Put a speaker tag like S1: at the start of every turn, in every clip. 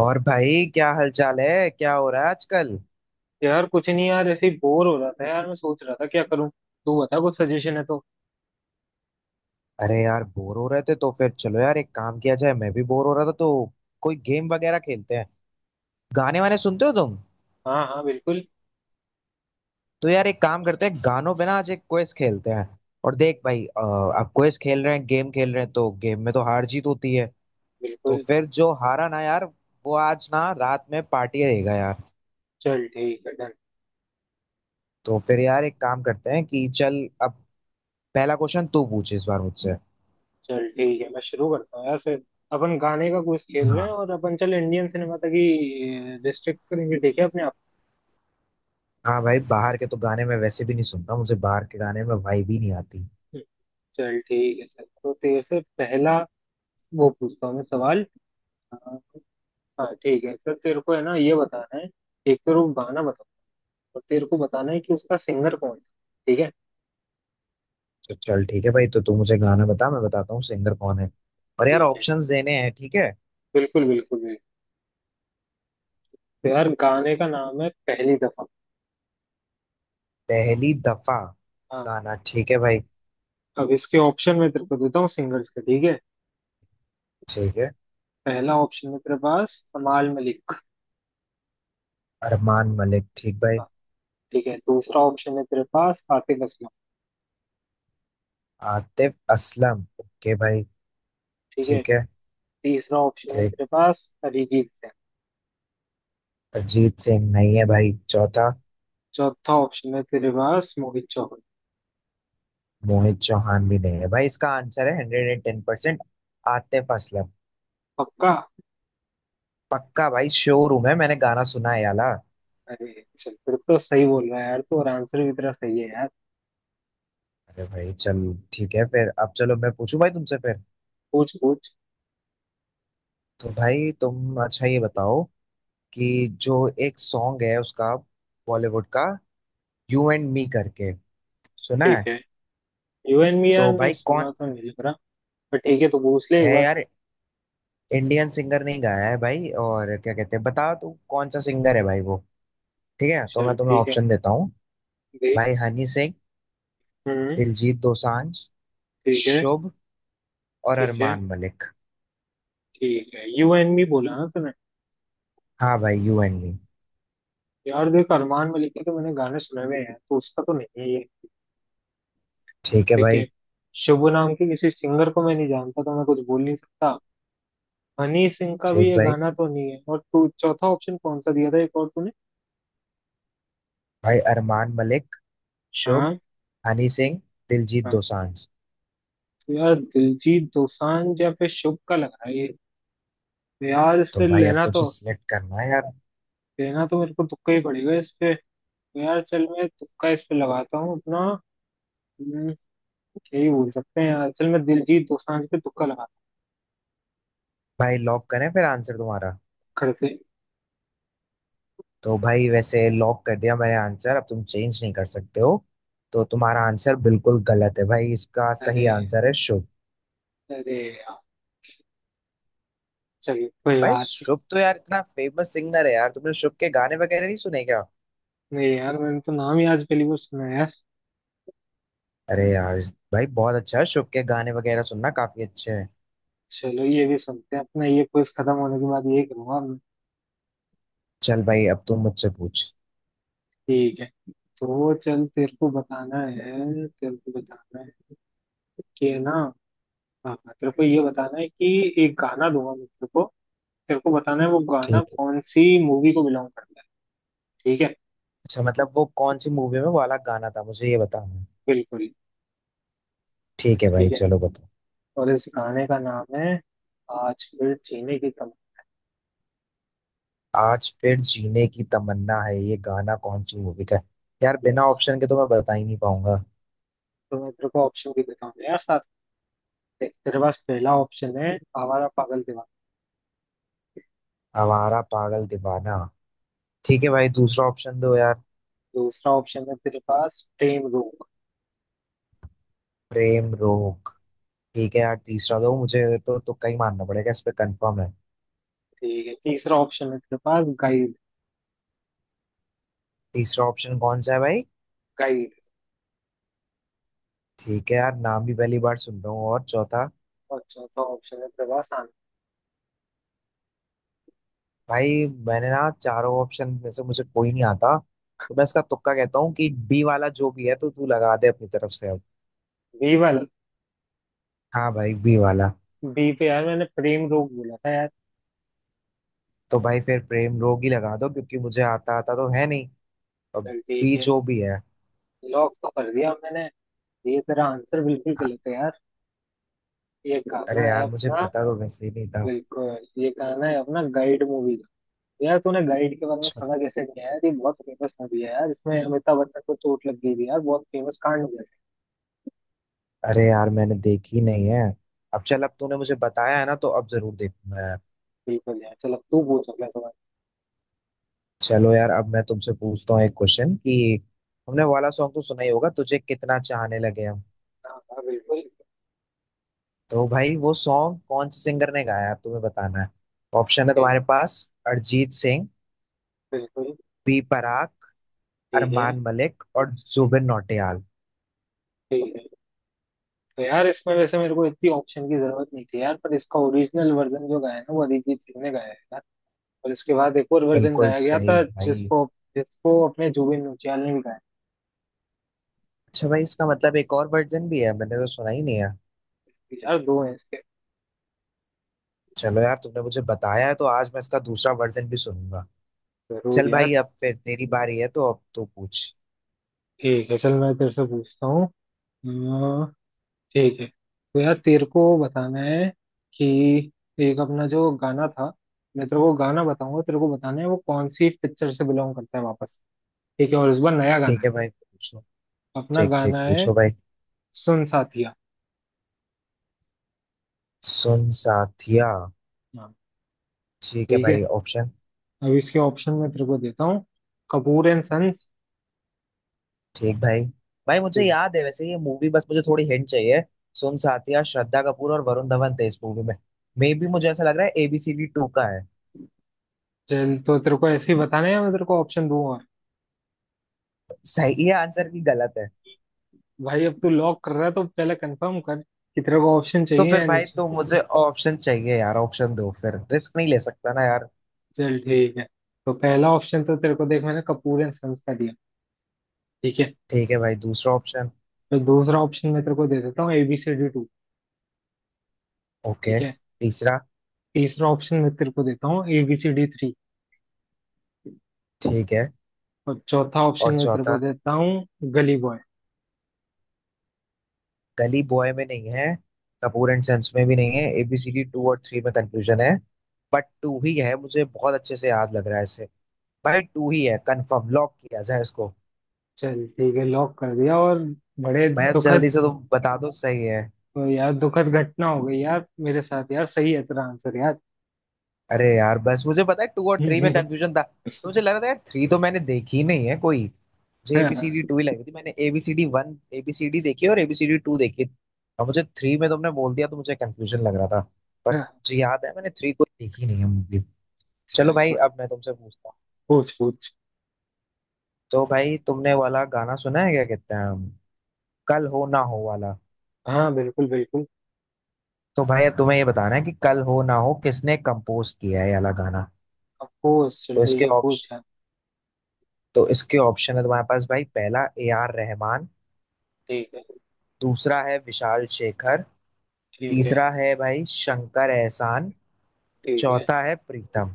S1: और भाई, क्या हालचाल है? क्या हो रहा है आजकल?
S2: यार कुछ नहीं यार, ऐसे ही बोर हो रहा था यार। मैं सोच रहा था क्या करूं। तू बता, कुछ सजेशन है तो।
S1: अरे यार, बोर हो रहे थे तो फिर चलो यार, एक काम किया जाए। मैं भी बोर हो रहा था, तो कोई गेम वगैरह खेलते हैं। गाने वाने सुनते हो तुम?
S2: हाँ हाँ बिल्कुल।
S1: तो यार एक काम करते हैं, गानों पे ना आज एक क्विज खेलते हैं। और देख भाई, अब क्विज खेल रहे हैं, गेम खेल रहे हैं, तो गेम में तो हार जीत होती है। तो
S2: बिल्कुल
S1: फिर जो हारा ना यार, वो आज ना रात में पार्टी देगा यार।
S2: चल ठीक है, डन।
S1: तो फिर यार एक काम करते हैं कि चल अब पहला क्वेश्चन तू पूछ इस बार मुझसे।
S2: चल ठीक है, मैं शुरू करता हूँ यार फिर। अपन गाने का क्विज खेल रहे हैं
S1: हाँ
S2: और अपन चल इंडियन सिनेमा तक ही रिस्ट्रिक्ट करेंगे, ठीक है, अपने आप
S1: हाँ भाई, बाहर के तो गाने मैं वैसे भी नहीं सुनता, मुझे बाहर के गाने में वाइब ही नहीं आती।
S2: को। चल ठीक है, चल तो तेरे से पहला वो पूछता हूँ मैं सवाल। हाँ हाँ, ठीक है सर, तेरे को है ना ये बताना है। एक तो वो गाना बताओ, और तेरे को बताना है कि उसका सिंगर कौन है, ठीक है।
S1: तो चल ठीक है भाई, तो तू मुझे गाना बता, मैं बताता हूँ सिंगर कौन है। और यार
S2: ठीक है,
S1: ऑप्शंस देने हैं, ठीक है।
S2: बिल्कुल बिल्कुल। तो यार गाने का नाम है पहली दफा।
S1: पहली दफा
S2: हाँ।
S1: गाना, ठीक है भाई।
S2: अब इसके ऑप्शन में तेरे को देता हूँ सिंगर्स के, ठीक है।
S1: ठीक है।
S2: पहला ऑप्शन है तेरे पास कमाल मलिक
S1: अरमान मलिक, ठीक भाई।
S2: का। ठीक है, दूसरा ऑप्शन है तेरे पास आतिफ असलम।
S1: आतिफ असलम, ओके भाई।
S2: ठीक है,
S1: ठीक है।
S2: तीसरा ऑप्शन है
S1: ठीक।
S2: तेरे पास अरिजीत सिंह।
S1: अरिजीत सिंह नहीं है भाई, चौथा।
S2: चौथा ऑप्शन है तेरे पास मोहित चौहान।
S1: मोहित चौहान भी नहीं है भाई, इसका आंसर है 110% आतिफ असलम।
S2: पक्का?
S1: पक्का भाई, शोरूम है, मैंने गाना सुना है याला।
S2: अरे चल, फिर तो सही बोल रहा है यार, तो और आंसर भी तेरा सही है यार।
S1: अरे भाई चल, ठीक है फिर। अब चलो मैं पूछूं भाई तुमसे फिर।
S2: पूछ पूछ।
S1: तो भाई तुम अच्छा ये बताओ, कि जो एक सॉन्ग है उसका, बॉलीवुड का, यू एंड मी करके, सुना
S2: ठीक
S1: है?
S2: है, यू एंड मी, यार
S1: तो
S2: नहीं
S1: भाई कौन
S2: सुना तो, नहीं लग रहा। पर ठीक है, तो पूछ ले एक
S1: है
S2: बार।
S1: यार, इंडियन सिंगर नहीं गाया है भाई, और क्या कहते हैं, बताओ तू कौन सा सिंगर है भाई वो। ठीक है, तो
S2: चल
S1: मैं तुम्हें
S2: ठीक है।
S1: ऑप्शन देता हूँ।
S2: देख।
S1: भाई हनी सिंह,
S2: हम्म।
S1: दिलजीत दोसांझ,
S2: ठीक है।
S1: शुभ और
S2: ठीक है।
S1: अरमान मलिक।
S2: ठीक है, यू एंड मी बोला ना तूने।
S1: हाँ भाई, यू एंड मी।
S2: यार देख, अरमान मलिक के तो मैंने गाने सुने हुए हैं, तो उसका तो नहीं है ये।
S1: ठीक है
S2: ठीक है।
S1: भाई।
S2: शुभ नाम के किसी सिंगर को मैं नहीं जानता, तो मैं कुछ बोल नहीं सकता। हनी सिंह का भी
S1: ठीक
S2: ये
S1: भाई।
S2: गाना तो नहीं है। और तू चौथा ऑप्शन कौन सा दिया था, एक और तूने?
S1: भाई अरमान मलिक, शुभ,
S2: हाँ।
S1: हनी सिंह, दिलजीत
S2: हाँ।
S1: दोसांझ।
S2: तो यार दिलजीत दोसांझ या फिर शुभ का लग रहा है ये। तो यार इस
S1: तो
S2: पे
S1: भाई अब
S2: लेना तो
S1: तुझे सिलेक्ट करना है यार।
S2: लेना तो मेरे को तुक्का ही पड़ेगा इस पे। तो यार चल, मैं तुक्का इस पे लगाता हूँ अपना। हम्म, यही बोल सकते हैं यार। चल, मैं दिलजीत दोसांझ पे तुक्का लगाता हूँ
S1: भाई लॉक करें फिर आंसर तुम्हारा?
S2: खड़े से।
S1: तो भाई वैसे लॉक कर दिया मैंने आंसर, अब तुम चेंज नहीं कर सकते हो। तो तुम्हारा आंसर बिल्कुल गलत है भाई, इसका
S2: अरे
S1: सही आंसर है शुभ।
S2: अरे यार, चलिए कोई
S1: भाई
S2: बात नहीं।
S1: शुभ तो यार इतना फेमस सिंगर है यार, तुमने शुभ के गाने वगैरह नहीं सुने क्या?
S2: नहीं यार, मैंने तो नाम ही आज पहली बार सुना है यार।
S1: अरे यार। भाई बहुत अच्छा है, शुभ के गाने वगैरह सुनना, काफी अच्छे हैं।
S2: चलो, ये भी सुनते हैं अपना, ये क्विज खत्म होने के बाद ये करूंगा मैं।
S1: चल भाई, अब तुम मुझसे पूछ।
S2: ठीक है। तो चल, तेरे को बताना है कि, है ना, हाँ हाँ, तेरे को ये बताना है कि एक गाना दूंगा मैं तेरे को, तेरे को बताना है वो गाना
S1: ठीक है।
S2: कौन सी मूवी को बिलोंग करता है। ठीक है।
S1: अच्छा, मतलब वो कौन सी मूवी में वाला गाना था मुझे ये बताना है।
S2: बिल्कुल।
S1: ठीक है
S2: ठीक
S1: भाई,
S2: है।
S1: चलो बताओ।
S2: और इस गाने का नाम है आज फिर जीने की तमन्ना।
S1: आज फिर जीने की तमन्ना है, ये गाना कौन सी मूवी का है? यार बिना
S2: Yes.
S1: ऑप्शन के तो मैं बता ही नहीं पाऊंगा।
S2: तो मैं तेरे को ऑप्शन भी देता हूँ यार। देख, तेरे पास पहला ऑप्शन है आवारा पागल दीवाना।
S1: आवारा पागल दीवाना, ठीक है भाई, दूसरा ऑप्शन दो यार।
S2: दूसरा ऑप्शन है तेरे पास ट्रेन रोक।
S1: प्रेम रोग, ठीक है यार, तीसरा दो मुझे। तो तुक्का ही मारना पड़ेगा इस पे कंफर्म है।
S2: ठीक है, तीसरा ऑप्शन है तेरे पास गाइड।
S1: तीसरा ऑप्शन कौन सा है भाई?
S2: गाइड।
S1: ठीक है यार, नाम भी पहली बार सुन रहा हूँ, और चौथा?
S2: और चौथा ऑप्शन है तेरे पास आनंद।
S1: भाई, मैंने ना चारों ऑप्शन में से मुझे कोई नहीं आता, तो मैं इसका तुक्का कहता हूँ कि बी वाला जो भी है तो तू लगा दे अपनी तरफ से अब।
S2: बी वाला?
S1: हाँ भाई, बी वाला।
S2: बी पे यार मैंने प्रेम रोग बोला था यार।
S1: तो भाई फिर प्रेम रोग ही लगा दो, क्योंकि मुझे आता आता तो है नहीं अब।
S2: चल ठीक
S1: भी
S2: है,
S1: जो भी है।
S2: लॉक तो कर दिया मैंने। ये तेरा आंसर बिल्कुल गलत है यार। ये गाना
S1: अरे
S2: है
S1: यार, मुझे
S2: अपना,
S1: पता तो वैसे ही नहीं था।
S2: बिल्कुल, ये गाना है अपना गाइड मूवी का। यार तूने गाइड के बारे में
S1: अच्छा।
S2: सुना कैसे नहीं है यार, ये बहुत फेमस मूवी है यार, इसमें अमिताभ बच्चन को चोट लग गई थी यार, बहुत फेमस कांड हुआ।
S1: अरे यार, मैंने देखी नहीं है। अब चल, अब तूने मुझे बताया है ना तो अब जरूर देखूंगा यार।
S2: बिल्कुल यार, चलो तू पूछ अगला सवाल।
S1: चलो यार, अब मैं तुमसे पूछता हूँ एक क्वेश्चन कि हमने वाला सॉन्ग तो सुना ही होगा, तुझे कितना चाहने लगे हम।
S2: हाँ हाँ बिल्कुल
S1: तो भाई वो सॉन्ग कौन से सिंगर ने गाया है अब तुम्हें बताना है। ऑप्शन है
S2: ठीक।
S1: तुम्हारे पास। अरिजीत सिंह,
S2: बिल्कुल।
S1: B Praak,
S2: ठीक है।
S1: अरमान मलिक और
S2: ठीक।
S1: जुबिन नौटियाल।
S2: ठीक है। तो यार इसमें वैसे मेरे को इतनी ऑप्शन की जरूरत नहीं थी यार, पर इसका ओरिजिनल वर्जन जो गाया है ना, वो अरिजीत सिंह ने गाया है यार। और इसके बाद एक और वर्जन
S1: बिल्कुल
S2: गाया गया
S1: सही
S2: था
S1: भाई।
S2: जिसको जिसको अपने जुबिन नौटियाल ने भी गाया
S1: अच्छा भाई, इसका मतलब एक और वर्जन भी है, मैंने तो सुना ही नहीं है।
S2: था। यार दो है इसके।
S1: चलो यार, तुमने मुझे बताया है तो आज मैं इसका दूसरा वर्जन भी सुनूंगा।
S2: जरूर
S1: चल भाई,
S2: यार।
S1: अब फिर तेरी बारी है तो अब तू पूछ।
S2: ठीक है चल, मैं तेरे से पूछता हूँ। ठीक है। तो यार तेरे को बताना है कि एक अपना जो गाना था, मैं तेरे को गाना बताऊंगा, तेरे को बताना है वो कौन सी पिक्चर से बिलोंग करता है वापस। ठीक है, और इस बार नया गाना
S1: ठीक
S2: है,
S1: है भाई, पूछो।
S2: अपना
S1: ठीक ठीक,
S2: गाना है
S1: पूछो भाई।
S2: सुन साथिया।
S1: सुन साथिया।
S2: हाँ।
S1: ठीक है
S2: ठीक
S1: भाई,
S2: है,
S1: ऑप्शन।
S2: अब इसके ऑप्शन मैं तेरे को देता हूँ, कपूर एंड सन्स।
S1: ठीक भाई। भाई
S2: तो
S1: मुझे याद है वैसे ये मूवी, बस मुझे थोड़ी हिंट चाहिए। सुन साथिया, श्रद्धा कपूर और वरुण धवन थे इस मूवी में। मे भी मुझे ऐसा लग रहा है ABCD 2 का है।
S2: चल, तो तेरे को ऐसे ही बताना है, मैं तेरे को ऑप्शन दूंगा। और
S1: सही है, आंसर की गलत है।
S2: भाई, अब तू लॉक कर रहा है तो पहले कंफर्म कर कि तेरे को ऑप्शन
S1: तो
S2: चाहिए
S1: फिर
S2: या नहीं
S1: भाई,
S2: चाहिए।
S1: तो मुझे ऑप्शन चाहिए यार, ऑप्शन दो फिर, रिस्क नहीं ले सकता ना यार।
S2: चल ठीक है। तो पहला ऑप्शन तो तेरे को देख मैंने कपूर एंड सन्स का दिया। ठीक है,
S1: ठीक है भाई, दूसरा ऑप्शन।
S2: तो दूसरा ऑप्शन मैं तेरे को दे देता हूँ एबीसीडी टू। ठीक
S1: ओके।
S2: है,
S1: तीसरा।
S2: तीसरा ऑप्शन मैं तेरे को देता हूँ एबीसीडी थ्री।
S1: ठीक है,
S2: और चौथा ऑप्शन
S1: और
S2: मैं तेरे को
S1: चौथा।
S2: देता हूँ गली बॉय।
S1: गली बॉय में नहीं है, कपूर एंड संस में भी नहीं है, ABCD 2 और 3 में कंफ्यूजन है। बट 2 ही है, मुझे बहुत अच्छे से याद लग रहा है इसे। भाई 2 ही है कंफर्म, लॉक किया जाए इसको।
S2: चल ठीक है, लॉक कर दिया और बड़े
S1: भाई अब जल्दी
S2: दुखद।
S1: से तुम बता दो, सही है?
S2: यार दुखद घटना हो गई यार मेरे साथ, यार सही है तेरा आंसर यार।
S1: अरे यार, बस मुझे पता है 2 और थ्री में कंफ्यूजन था तो मुझे लग रहा था यार, 3 तो मैंने देखी नहीं है कोई, मुझे ABCD 2 ही लग रही थी। मैंने ABCD 1, एबीसीडी देखी है और ABCD 2 देखी। और मुझे 3 में तुमने बोल दिया तो मुझे कंफ्यूजन लग रहा था। पर मुझे याद है मैंने 3 कोई देखी नहीं है मूवी। चलो
S2: चल
S1: भाई,
S2: भाई,
S1: अब मैं तुमसे पूछता हूँ।
S2: पूछ पूछ।
S1: तो भाई तुमने वाला गाना सुना है, क्या कहते हैं, कल हो ना हो वाला?
S2: हाँ बिल्कुल बिल्कुल।
S1: तो भाई अब तुम्हें ये बताना है कि कल हो ना हो किसने कंपोज किया है ये वाला गाना।
S2: अब पूछ, चल
S1: तो
S2: ठीक
S1: इसके
S2: है,
S1: ऑप्शन
S2: पूछ यार।
S1: तो इसके ऑप्शन है तुम्हारे पास भाई। पहला AR Rahman।
S2: ठीक है।
S1: दूसरा है विशाल शेखर।
S2: ठीक है।
S1: तीसरा है भाई शंकर एहसान।
S2: ठीक है।
S1: चौथा है प्रीतम।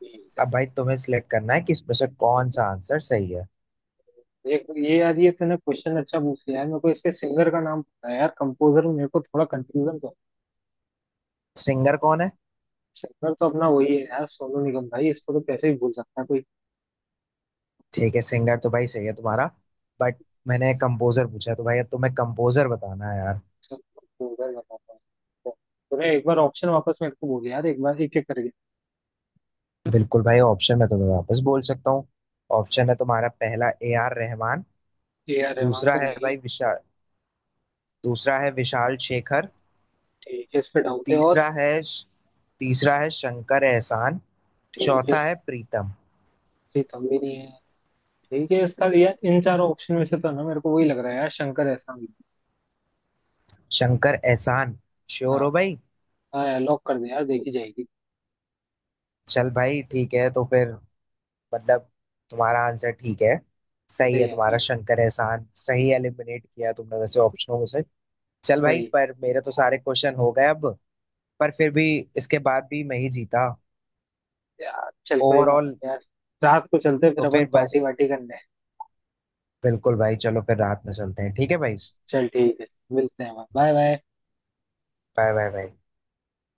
S2: ठीक है।
S1: अब भाई तुम्हें सिलेक्ट करना है कि इसमें से कौन सा आंसर सही है।
S2: ये ये यार, ये तूने क्वेश्चन अच्छा पूछ लिया है। मेरे को इसके सिंगर का नाम पता है यार, कंपोजर में मेरे को थोड़ा कंफ्यूजन तो।
S1: सिंगर कौन है?
S2: सिंगर तो अपना वही है यार, सोनू निगम भाई, इसको तो कैसे ही भूल सकता है कोई।
S1: ठीक है, सिंगर तो भाई सही है तुम्हारा, बट मैंने कंपोजर पूछा, तो भाई अब तुम्हें कंपोजर बताना है यार।
S2: चल, कंपोजर बताता है। तूने एक बार ऑप्शन वापस मेरे को बोल यार, एक बार एक एक करके।
S1: बिल्कुल भाई, ऑप्शन मैं तुम्हें वापस बोल सकता हूँ। ऑप्शन है तुम्हारा पहला AR Rahman।
S2: ए आर रहमान
S1: दूसरा
S2: तो
S1: है
S2: नहीं है।
S1: भाई विशाल दूसरा है विशाल शेखर।
S2: ठीक है, इस पे डाउट है। और
S1: तीसरा है, तीसरा है शंकर एहसान।
S2: ठीक है,
S1: चौथा
S2: इस
S1: है प्रीतम।
S2: पे प्रीतम भी नहीं है। ठीक है, इसका यार इन चारों ऑप्शन में से तो ना मेरे को वही लग रहा है यार, शंकर एहसान भी।
S1: शंकर एहसान, श्योर
S2: हाँ
S1: हो भाई?
S2: हाँ लॉक कर दे यार, देखी जाएगी।
S1: चल भाई ठीक है, तो फिर, मतलब तुम्हारा आंसर ठीक है, सही
S2: सही
S1: है
S2: है
S1: तुम्हारा।
S2: ना।
S1: शंकर एहसान सही एलिमिनेट किया तुमने वैसे ऑप्शनों में से। चल भाई,
S2: सही।
S1: पर मेरे तो सारे क्वेश्चन हो गए अब। पर फिर भी इसके बाद भी मैं ही जीता
S2: यार चल कोई बात
S1: ओवरऑल।
S2: नहीं यार, रात को चलते हैं फिर
S1: तो
S2: अपन
S1: फिर बस,
S2: पार्टी वार्टी करने।
S1: बिल्कुल भाई, चलो फिर रात में चलते हैं, ठीक है भाई।
S2: चल ठीक है, मिलते हैं, bye bye.
S1: Bye bye bye.